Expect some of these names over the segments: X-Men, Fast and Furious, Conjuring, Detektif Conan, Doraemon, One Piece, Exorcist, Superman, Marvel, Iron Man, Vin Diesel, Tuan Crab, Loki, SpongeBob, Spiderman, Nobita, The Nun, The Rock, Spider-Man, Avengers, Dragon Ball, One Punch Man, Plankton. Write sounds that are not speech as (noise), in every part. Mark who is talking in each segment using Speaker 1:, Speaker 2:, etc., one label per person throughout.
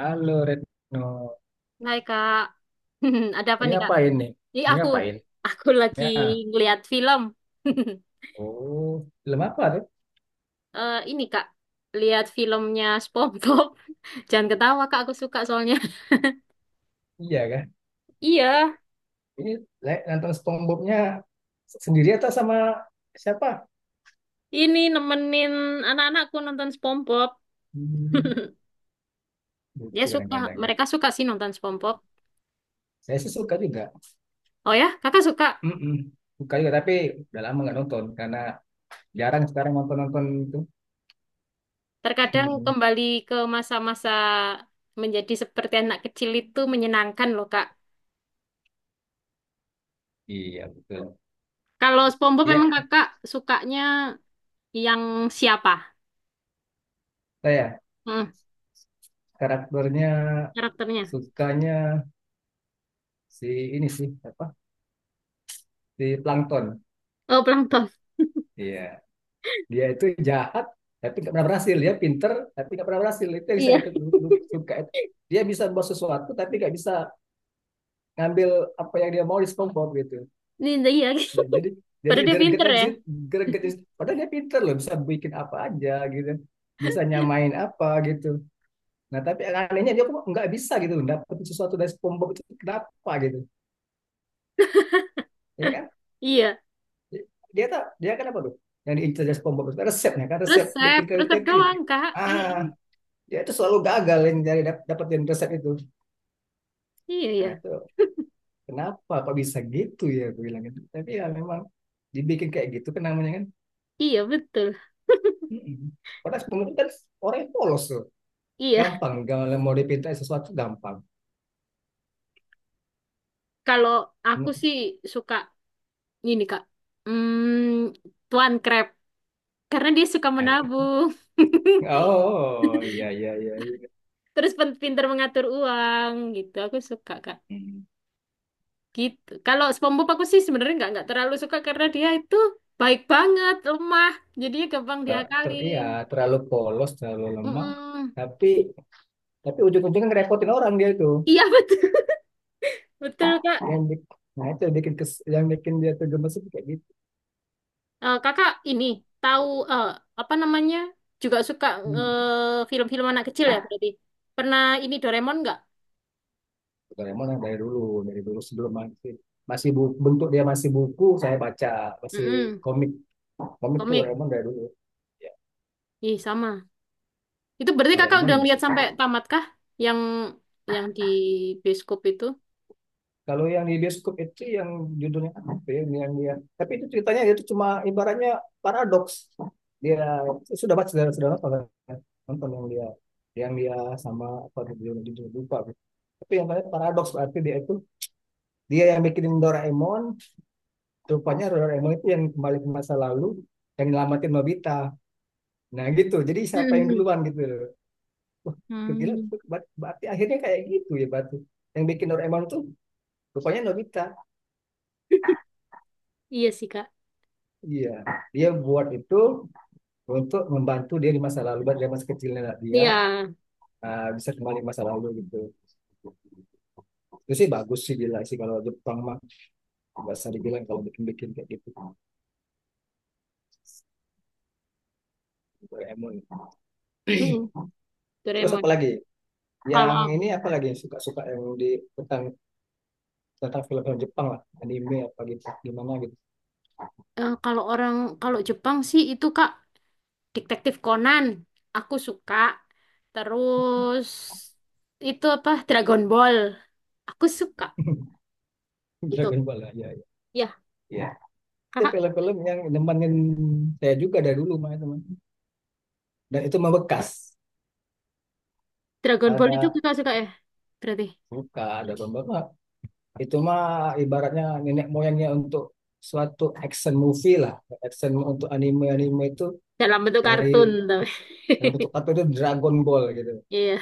Speaker 1: Halo Retno,
Speaker 2: Hai Kak, (laughs) ada apa
Speaker 1: lagi
Speaker 2: nih Kak?
Speaker 1: ngapain nih?
Speaker 2: Ini
Speaker 1: Lagi
Speaker 2: aku,
Speaker 1: ngapain?
Speaker 2: aku lagi
Speaker 1: Ya,
Speaker 2: ngeliat film. (laughs)
Speaker 1: oh, film apa tuh?
Speaker 2: Eh ini Kak, lihat filmnya SpongeBob. (laughs) Jangan ketawa Kak, aku suka soalnya. (laughs)
Speaker 1: Iya kan?
Speaker 2: Iya,
Speaker 1: Ini nonton SpongeBob-nya sendiri atau sama siapa?
Speaker 2: ini nemenin anak-anakku nonton SpongeBob.
Speaker 1: Hmm,
Speaker 2: (laughs) Dia
Speaker 1: lucu
Speaker 2: suka,
Speaker 1: kadang-kadang ya.
Speaker 2: mereka suka sih nonton SpongeBob.
Speaker 1: Saya sih suka juga.
Speaker 2: Oh ya, Kakak suka.
Speaker 1: Mm-mm. Suka juga, tapi udah lama nggak nonton karena jarang sekarang nonton-nonton itu.
Speaker 2: Terkadang
Speaker 1: Mm-mm.
Speaker 2: kembali ke masa-masa menjadi seperti anak kecil itu menyenangkan loh Kak.
Speaker 1: Iya, betul.
Speaker 2: Kalau SpongeBob
Speaker 1: Iya,
Speaker 2: memang Kakak sukanya yang siapa?
Speaker 1: saya
Speaker 2: Hmm.
Speaker 1: karakternya
Speaker 2: Karakternya.
Speaker 1: sukanya si ini sih, apa? Si Plankton.
Speaker 2: Oh, Plankton.
Speaker 1: Iya. Dia itu jahat tapi nggak pernah berhasil. Dia pinter tapi nggak pernah berhasil. Itu yang saya
Speaker 2: Iya,
Speaker 1: suka. Dia bisa buat sesuatu tapi nggak bisa ngambil apa yang dia mau di SpongeBob gitu.
Speaker 2: Ninja iya.
Speaker 1: Ya, Jadi
Speaker 2: (laughs)
Speaker 1: jadi
Speaker 2: Padahal dia pinter
Speaker 1: gregetnya di
Speaker 2: ya.
Speaker 1: situ,
Speaker 2: (laughs)
Speaker 1: gregetnya di situ. Padahal dia pinter loh, bisa bikin apa aja gitu. Bisa nyamain apa gitu. Nah, tapi anehnya dia kok nggak bisa gitu dapat sesuatu dari SpongeBob itu kenapa gitu. Ya kan?
Speaker 2: Iya.
Speaker 1: Dia tak dia kan apa tuh? Yang diincar dari SpongeBob itu kan resepnya kan resep bikin
Speaker 2: Resep, resep
Speaker 1: kripik gitu.
Speaker 2: doang, Kak. Iya.
Speaker 1: Ah, dia itu selalu gagal yang nyari dapetin resep itu,
Speaker 2: Iya,
Speaker 1: nah
Speaker 2: iya.
Speaker 1: itu kenapa kok bisa gitu, ya gue bilang gitu, tapi ya memang dibikin kayak gitu kan, namanya kan.
Speaker 2: Iya, betul.
Speaker 1: Mm-mm. Padahal sebelumnya kan orang yang polos tuh
Speaker 2: Iya.
Speaker 1: gampang, kalau mau dipintain sesuatu gampang.
Speaker 2: Kalau aku sih suka ini, Kak. Hmm, Tuan Crab. Karena dia suka menabung. (laughs)
Speaker 1: Oh, iya iya iya.
Speaker 2: Terus pinter mengatur uang gitu. Aku suka, Kak.
Speaker 1: Hmm.
Speaker 2: Gitu. Kalau SpongeBob aku sih sebenarnya nggak terlalu suka karena dia itu baik banget, lemah. Jadi gampang
Speaker 1: Iya,
Speaker 2: diakalin.
Speaker 1: terlalu polos terlalu lemah,
Speaker 2: Mm-mm.
Speaker 1: tapi tapi ujung-ujungnya ngerepotin orang dia itu.
Speaker 2: Iya, (laughs) betul. Betul, Kak.
Speaker 1: yang bi- nah, itu yang bikin kes, yang bikin dia tuh gemes itu kayak gitu.
Speaker 2: Eh, kakak ini tahu eh, apa namanya? Juga suka
Speaker 1: Hmm.
Speaker 2: eh, film-film anak kecil ya berarti. Pernah ini Doraemon nggak?
Speaker 1: Doraemon yang dari dulu sebelum masih masih bu- bentuk dia masih buku, saya baca masih
Speaker 2: Mm-mm,
Speaker 1: komik. Komik tuh
Speaker 2: komik.
Speaker 1: Doraemon dari dulu. Ya,
Speaker 2: Ih, sama. Itu berarti kakak
Speaker 1: Doraemon
Speaker 2: udah ngeliat
Speaker 1: masuk.
Speaker 2: sampai tamat kah? Yang yang di bioskop itu?
Speaker 1: Kalau yang di bioskop itu yang judulnya apa ya? Yang dia, tapi itu ceritanya itu cuma ibaratnya paradoks. Dia sudah baca, sudah nonton kan? Nonton yang dia, yang dia sama apa judulnya judulnya lupa. Tapi yang paling paradoks berarti dia itu, dia yang bikinin Doraemon, rupanya Doraemon itu yang kembali ke masa lalu yang nyelamatin Nobita. Nah gitu, jadi siapa yang
Speaker 2: Mm-mm.
Speaker 1: duluan gitu. Wah, gue kira
Speaker 2: Hmm.
Speaker 1: tuh akhirnya kayak gitu ya Batu. Yang bikin Doraemon tuh rupanya Nobita.
Speaker 2: Iya sih, Kak.
Speaker 1: Iya, dia buat itu untuk membantu dia di masa lalu, dari masa kecilnya dia,
Speaker 2: Iya.
Speaker 1: bisa kembali ke masa lalu gitu. Itu sih bagus sih, gila sih kalau Jepang mah, nggak usah dibilang kalau bikin-bikin kayak gitu. Doraemon.
Speaker 2: Mm-mm,
Speaker 1: Terus
Speaker 2: Doraemon.
Speaker 1: apa lagi?
Speaker 2: Kalau
Speaker 1: Yang
Speaker 2: aku,
Speaker 1: ini apa lagi yang suka-suka, yang di tentang tentang film-film Jepang lah, anime apa gitu, gimana gitu.
Speaker 2: eh, kalau Jepang sih itu Kak Detektif Conan, aku suka. Terus itu apa? Dragon Ball, aku suka.
Speaker 1: (laughs)
Speaker 2: Itu.
Speaker 1: Dragon Ball lah, ya, ya.
Speaker 2: Ya,
Speaker 1: Ya, itu
Speaker 2: kakak
Speaker 1: film-film yang nemenin saya juga dari dulu mah, teman, dan itu mah bekas,
Speaker 2: Dragon Ball itu
Speaker 1: ada
Speaker 2: kakak suka ya? Berarti
Speaker 1: luka ada pembawa, itu mah ibaratnya nenek moyangnya untuk suatu action movie lah, action untuk anime anime itu,
Speaker 2: dalam bentuk
Speaker 1: dari,
Speaker 2: kartun tapi. (laughs)
Speaker 1: dari bentuk apa itu, Dragon Ball gitu.
Speaker 2: Iya.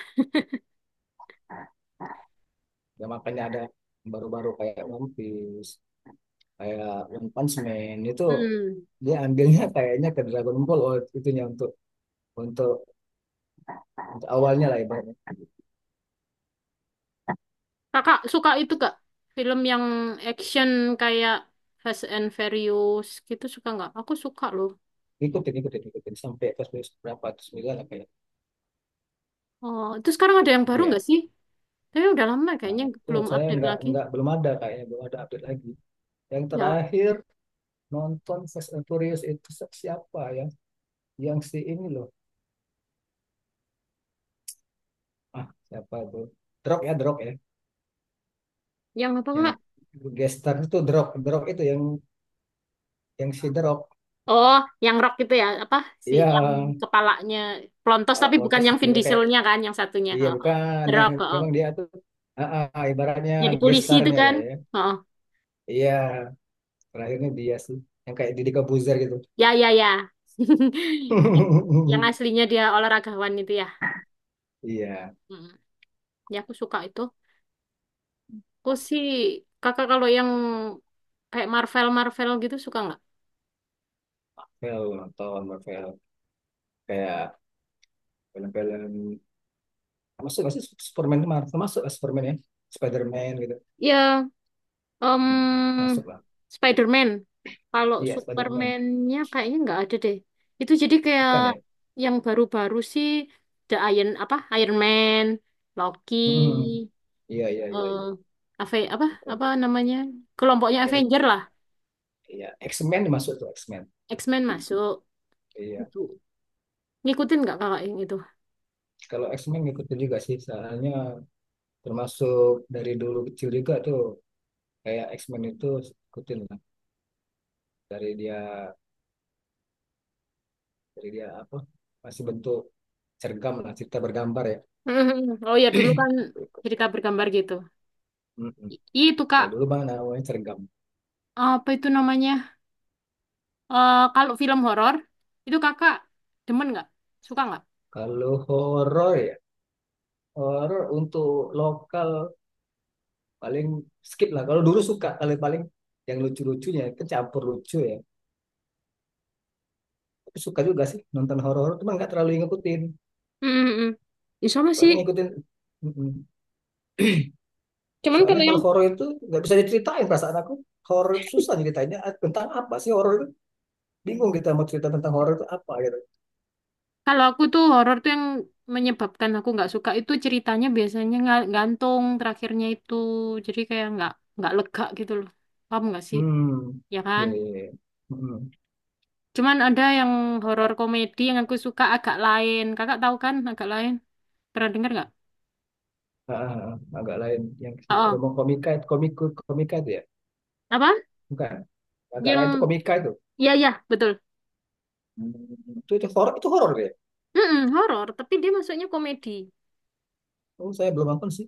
Speaker 1: Ya, makanya ada baru-baru kayak One Piece, kayak One Punch Man itu,
Speaker 2: Hmm.
Speaker 1: dia ambilnya kayaknya ke Dragon Ball. Oh, itunya untuk untuk, untuk awalnya lah ibaratnya.
Speaker 2: Kakak suka itu gak? Film yang action kayak Fast and Furious gitu suka nggak? Aku suka loh.
Speaker 1: Ikutin ikutin ikutin sampai ke berapa, sembilan apa ya.
Speaker 2: Oh, itu sekarang ada yang baru nggak
Speaker 1: Iya,
Speaker 2: sih? Tapi udah lama
Speaker 1: nah,
Speaker 2: kayaknya
Speaker 1: itu
Speaker 2: belum
Speaker 1: saya
Speaker 2: update
Speaker 1: nggak
Speaker 2: lagi.
Speaker 1: nggak belum ada, kayaknya belum ada update lagi. Yang
Speaker 2: Ya,
Speaker 1: terakhir nonton Fast and Furious itu siapa ya? Yang si ini loh. Ah, siapa tuh? Drop ya, Drop ya.
Speaker 2: yang apa
Speaker 1: Yang
Speaker 2: kak?
Speaker 1: gestar itu Drop, Drop itu yang si Drop,
Speaker 2: Oh, yang rock itu ya, apa sih yang
Speaker 1: yang
Speaker 2: kepalanya pelontos
Speaker 1: pala
Speaker 2: tapi bukan
Speaker 1: potos
Speaker 2: yang
Speaker 1: itu
Speaker 2: Vin
Speaker 1: ya, kayak,
Speaker 2: Dieselnya kan, yang satunya.
Speaker 1: iya
Speaker 2: Oh, oh.
Speaker 1: bukan
Speaker 2: The
Speaker 1: yang,
Speaker 2: Rock, oh, oh.
Speaker 1: memang dia tuh, ah, ah, ah, ibaratnya
Speaker 2: Jadi polisi itu
Speaker 1: gestarnya
Speaker 2: kan.
Speaker 1: lah ya.
Speaker 2: Oh, oh.
Speaker 1: Iya, terakhirnya dia sih yang kayak Didi Kebuzer gitu.
Speaker 2: Ya ya ya. (laughs) Yang
Speaker 1: (laughs)
Speaker 2: aslinya dia olahragawan itu ya.
Speaker 1: Iya,
Speaker 2: Mm. Ya aku suka itu. Aku sih kakak kalau yang kayak Marvel Marvel gitu suka nggak?
Speaker 1: film, nonton film kayak film-film masuk, masih Superman itu, Marvel masuk lah, Superman ya, Spiderman gitu.
Speaker 2: Ya
Speaker 1: Hmm,
Speaker 2: Em,
Speaker 1: masuk lah,
Speaker 2: Spider-Man. Kalau
Speaker 1: iya, Spiderman,
Speaker 2: Superman-nya kayaknya nggak ada deh. Itu jadi kayak
Speaker 1: bukan ya.
Speaker 2: yang baru-baru sih The Iron apa Iron Man, Loki,
Speaker 1: Hmm, iya iya iya
Speaker 2: eh
Speaker 1: iya,
Speaker 2: Apa
Speaker 1: bukan.
Speaker 2: apa namanya kelompoknya
Speaker 1: Ah, eh,
Speaker 2: Avenger lah,
Speaker 1: iya, X-Men masuk tuh, X-Men,
Speaker 2: X-Men masuk
Speaker 1: iya.
Speaker 2: itu. Ngikutin nggak kakak yang itu?
Speaker 1: Kalau X-Men ngikutin juga sih, soalnya termasuk dari dulu kecil juga tuh kayak X-Men itu, ikutin lah dari dia, apa masih bentuk cergam lah, cerita bergambar ya.
Speaker 2: (laughs) Oh ya dulu kan jadi gambar-gambar gitu.
Speaker 1: Mm-mm.
Speaker 2: I- itu kak
Speaker 1: Kalau dulu bang namanya cergam.
Speaker 2: apa itu namanya? Eh, kalau film horor itu kakak demen nggak? Suka nggak?
Speaker 1: Kalau horor ya, horor untuk lokal paling skip lah. Kalau dulu suka, kalau paling yang lucu-lucunya kecampur lucu ya. Tapi suka juga sih nonton horor, cuma nggak terlalu ngikutin.
Speaker 2: Mm, mm, mm. Ya, sama
Speaker 1: Paling
Speaker 2: sih.
Speaker 1: ngikutin mm-mm.
Speaker 2: Cuman
Speaker 1: Soalnya kalau horor itu nggak bisa diceritain perasaan aku. Horor itu susah ceritanya. Ah, tentang apa sih horor itu? Bingung kita mau cerita tentang horor itu apa gitu.
Speaker 2: kalau aku tuh horor tuh yang menyebabkan aku nggak suka itu ceritanya biasanya nggak gantung terakhirnya itu. Jadi kayak nggak lega gitu loh. Paham nggak sih?
Speaker 1: Hmm.
Speaker 2: Ya
Speaker 1: Iya,
Speaker 2: kan?
Speaker 1: iya, iya. Mm-mm.
Speaker 2: Cuman ada yang horor komedi yang aku suka agak lain. Kakak tahu kan agak lain? Pernah dengar nggak?
Speaker 1: Ah, ah, ah. Agak lain yang si
Speaker 2: Oh, oh.
Speaker 1: Romo komika itu, komik komika itu ya.
Speaker 2: Apa?
Speaker 1: Bukan. Agak lain itu
Speaker 2: Yang
Speaker 1: komika itu.
Speaker 2: ya ya betul.
Speaker 1: Hmm. Itu horor, itu horor ya.
Speaker 2: Mm horor, tapi dia masuknya komedi.
Speaker 1: Oh, saya belum nonton sih.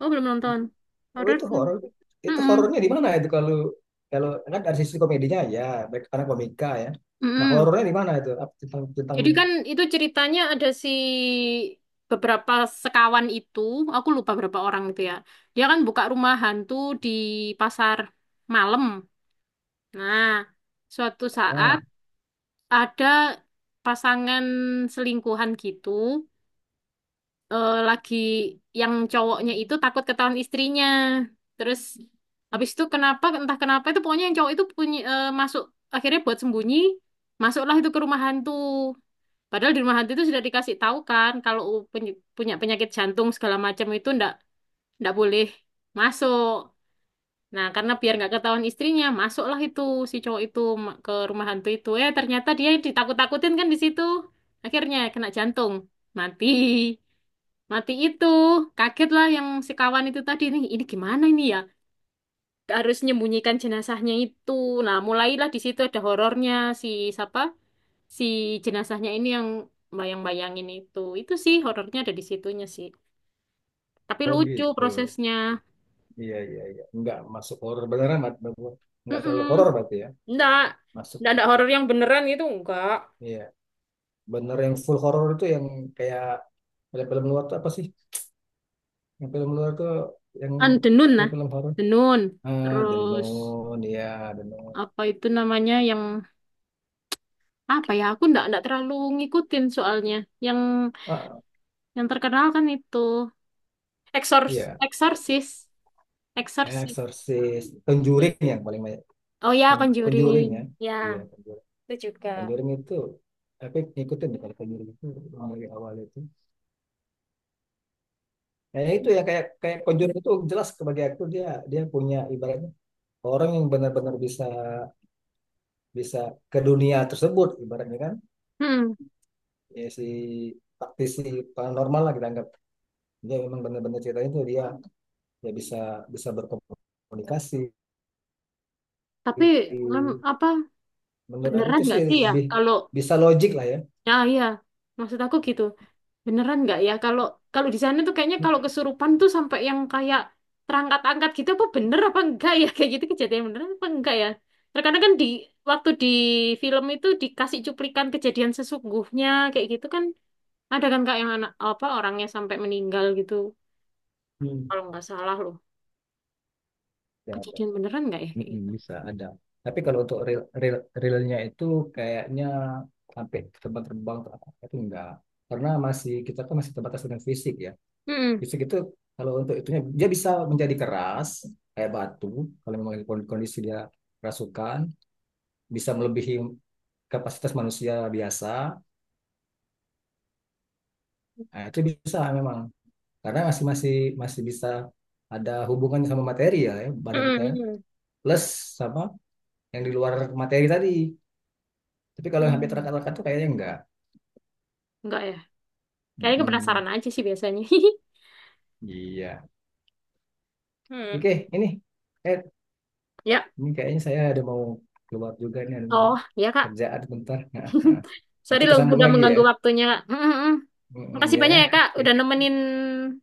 Speaker 2: Oh belum nonton.
Speaker 1: Oh,
Speaker 2: Horor.
Speaker 1: itu horor. Itu
Speaker 2: Mm-mm.
Speaker 1: horornya di mana itu? Kalau kalau kan dari sisi komedinya ya, baik karena komika ya. Nah,
Speaker 2: Mm-mm.
Speaker 1: horornya di mana itu? Apa Tentang tentang
Speaker 2: Jadi kan itu ceritanya ada si beberapa sekawan itu, aku lupa berapa orang itu ya. Dia kan buka rumah hantu di pasar malam. Nah, suatu saat
Speaker 1: ah,
Speaker 2: ada pasangan selingkuhan gitu, eh, lagi yang cowoknya itu takut ketahuan istrinya. Terus habis itu kenapa entah kenapa itu pokoknya yang cowok itu punya eh, masuk akhirnya buat sembunyi, masuklah itu ke rumah hantu. Padahal di rumah hati itu sudah dikasih tahu kan kalau punya penyakit jantung segala macam itu ndak ndak boleh masuk. Nah, karena biar nggak ketahuan istrinya, masuklah itu si cowok itu ke rumah hantu itu. Eh, ternyata dia ditakut-takutin kan di situ. Akhirnya kena jantung, mati. Mati itu. Kagetlah yang si kawan itu tadi nih, ini gimana ini ya? Harus menyembunyikan jenazahnya itu. Nah, mulailah di situ ada horornya si siapa? Si jenazahnya ini yang bayang-bayangin itu sih horornya ada di situnya sih tapi
Speaker 1: oh
Speaker 2: lucu
Speaker 1: gitu.
Speaker 2: prosesnya.
Speaker 1: Iya, iya, iya. Enggak masuk horor beneran, Mat, enggak terlalu
Speaker 2: Mm-mm.
Speaker 1: horor berarti ya.
Speaker 2: Enggak,
Speaker 1: Masuk.
Speaker 2: enggak ada horor yang beneran itu enggak.
Speaker 1: Iya, bener yang full horor itu yang kayak film-film luar tuh apa sih? Yang film luar tuh yang
Speaker 2: Kan Denun nah
Speaker 1: film-film horor.
Speaker 2: Denun
Speaker 1: Ah, The
Speaker 2: terus
Speaker 1: Nun, ya, The Nun.
Speaker 2: apa itu namanya yang apa ya aku ndak ndak terlalu ngikutin soalnya yang
Speaker 1: Ah,
Speaker 2: yang terkenal kan itu Exorcist
Speaker 1: iya,
Speaker 2: Exorcist Exorcist
Speaker 1: Exorcist,
Speaker 2: Iya.
Speaker 1: Conjuring yang paling
Speaker 2: Oh ya
Speaker 1: Conjuring
Speaker 2: Conjuring
Speaker 1: ya.
Speaker 2: ya,
Speaker 1: Iya, Conjuring.
Speaker 2: itu juga.
Speaker 1: Conjuring itu, tapi ngikutin ya kalau Conjuring itu dari awal itu. Kayaknya itu ya, kayak kayak Conjuring itu jelas, sebagai aktor dia dia punya ibaratnya orang yang benar-benar bisa, bisa ke dunia tersebut ibaratnya kan.
Speaker 2: Hmm,
Speaker 1: Ya, si praktisi paranormal lah kita anggap. Dia memang benar-benar ceritanya itu dia, dia bisa bisa berkomunikasi.
Speaker 2: tapi apa
Speaker 1: Menurut aku
Speaker 2: beneran
Speaker 1: tuh sih
Speaker 2: nggak sih ya
Speaker 1: lebih
Speaker 2: kalau
Speaker 1: bisa logik lah ya.
Speaker 2: ya iya maksud aku gitu beneran nggak ya kalau kalau di sana tuh kayaknya kalau kesurupan tuh sampai yang kayak terangkat-angkat gitu apa bener apa enggak ya (laughs) kayak gitu kejadian beneran apa enggak ya terkadang kan di waktu di film itu dikasih cuplikan kejadian sesungguhnya kayak gitu kan ada kan kak yang anak apa orangnya sampai meninggal gitu
Speaker 1: Hmm.
Speaker 2: kalau nggak salah loh
Speaker 1: Ya,
Speaker 2: kejadian beneran nggak ya kayak
Speaker 1: mm-mm,
Speaker 2: gitu.
Speaker 1: bisa ada. Tapi kalau untuk real real realnya itu kayaknya sampai terbang-terbang atau apa itu enggak. Karena masih kita kan masih terbatas dengan fisik ya.
Speaker 2: Mm-mm.
Speaker 1: Fisik itu, kalau untuk itunya dia bisa menjadi keras kayak batu kalau memang kondisi dia kerasukan, bisa melebihi kapasitas manusia biasa. Nah, itu bisa memang, karena masih, masih bisa ada hubungannya sama materi ya, ya badan kita ya.
Speaker 2: Mm-mm.
Speaker 1: Plus sama yang di luar materi tadi. Tapi kalau yang hampir
Speaker 2: Mm-mm.
Speaker 1: terangkat-terangkat itu kayaknya enggak.
Speaker 2: Enggak ya kayaknya
Speaker 1: Mm-mm.
Speaker 2: penasaran aja sih biasanya. (laughs)
Speaker 1: Iya.
Speaker 2: Hmm.
Speaker 1: Oke, ini. Eh,
Speaker 2: Ya,
Speaker 1: ini kayaknya saya ada mau keluar juga nih, ada mau
Speaker 2: Oh, ya Kak.
Speaker 1: kerjaan bentar. Nah, nah.
Speaker 2: (laughs) Sorry
Speaker 1: Nanti
Speaker 2: loh,
Speaker 1: tersambung
Speaker 2: udah
Speaker 1: lagi ya.
Speaker 2: mengganggu waktunya, Kak. Mm, mm, mm.
Speaker 1: Mm-mm,
Speaker 2: Makasih
Speaker 1: ya
Speaker 2: banyak
Speaker 1: ya.
Speaker 2: ya, Kak,
Speaker 1: Oke.
Speaker 2: udah nemenin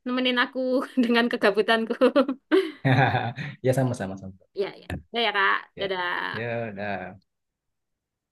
Speaker 2: nemenin aku (laughs) dengan kegabutanku. (laughs)
Speaker 1: (laughs) Ya sama-sama sama.
Speaker 2: Ya, ya. Ya, ya, Kak.
Speaker 1: Ya.
Speaker 2: Dadah.
Speaker 1: Ya udah.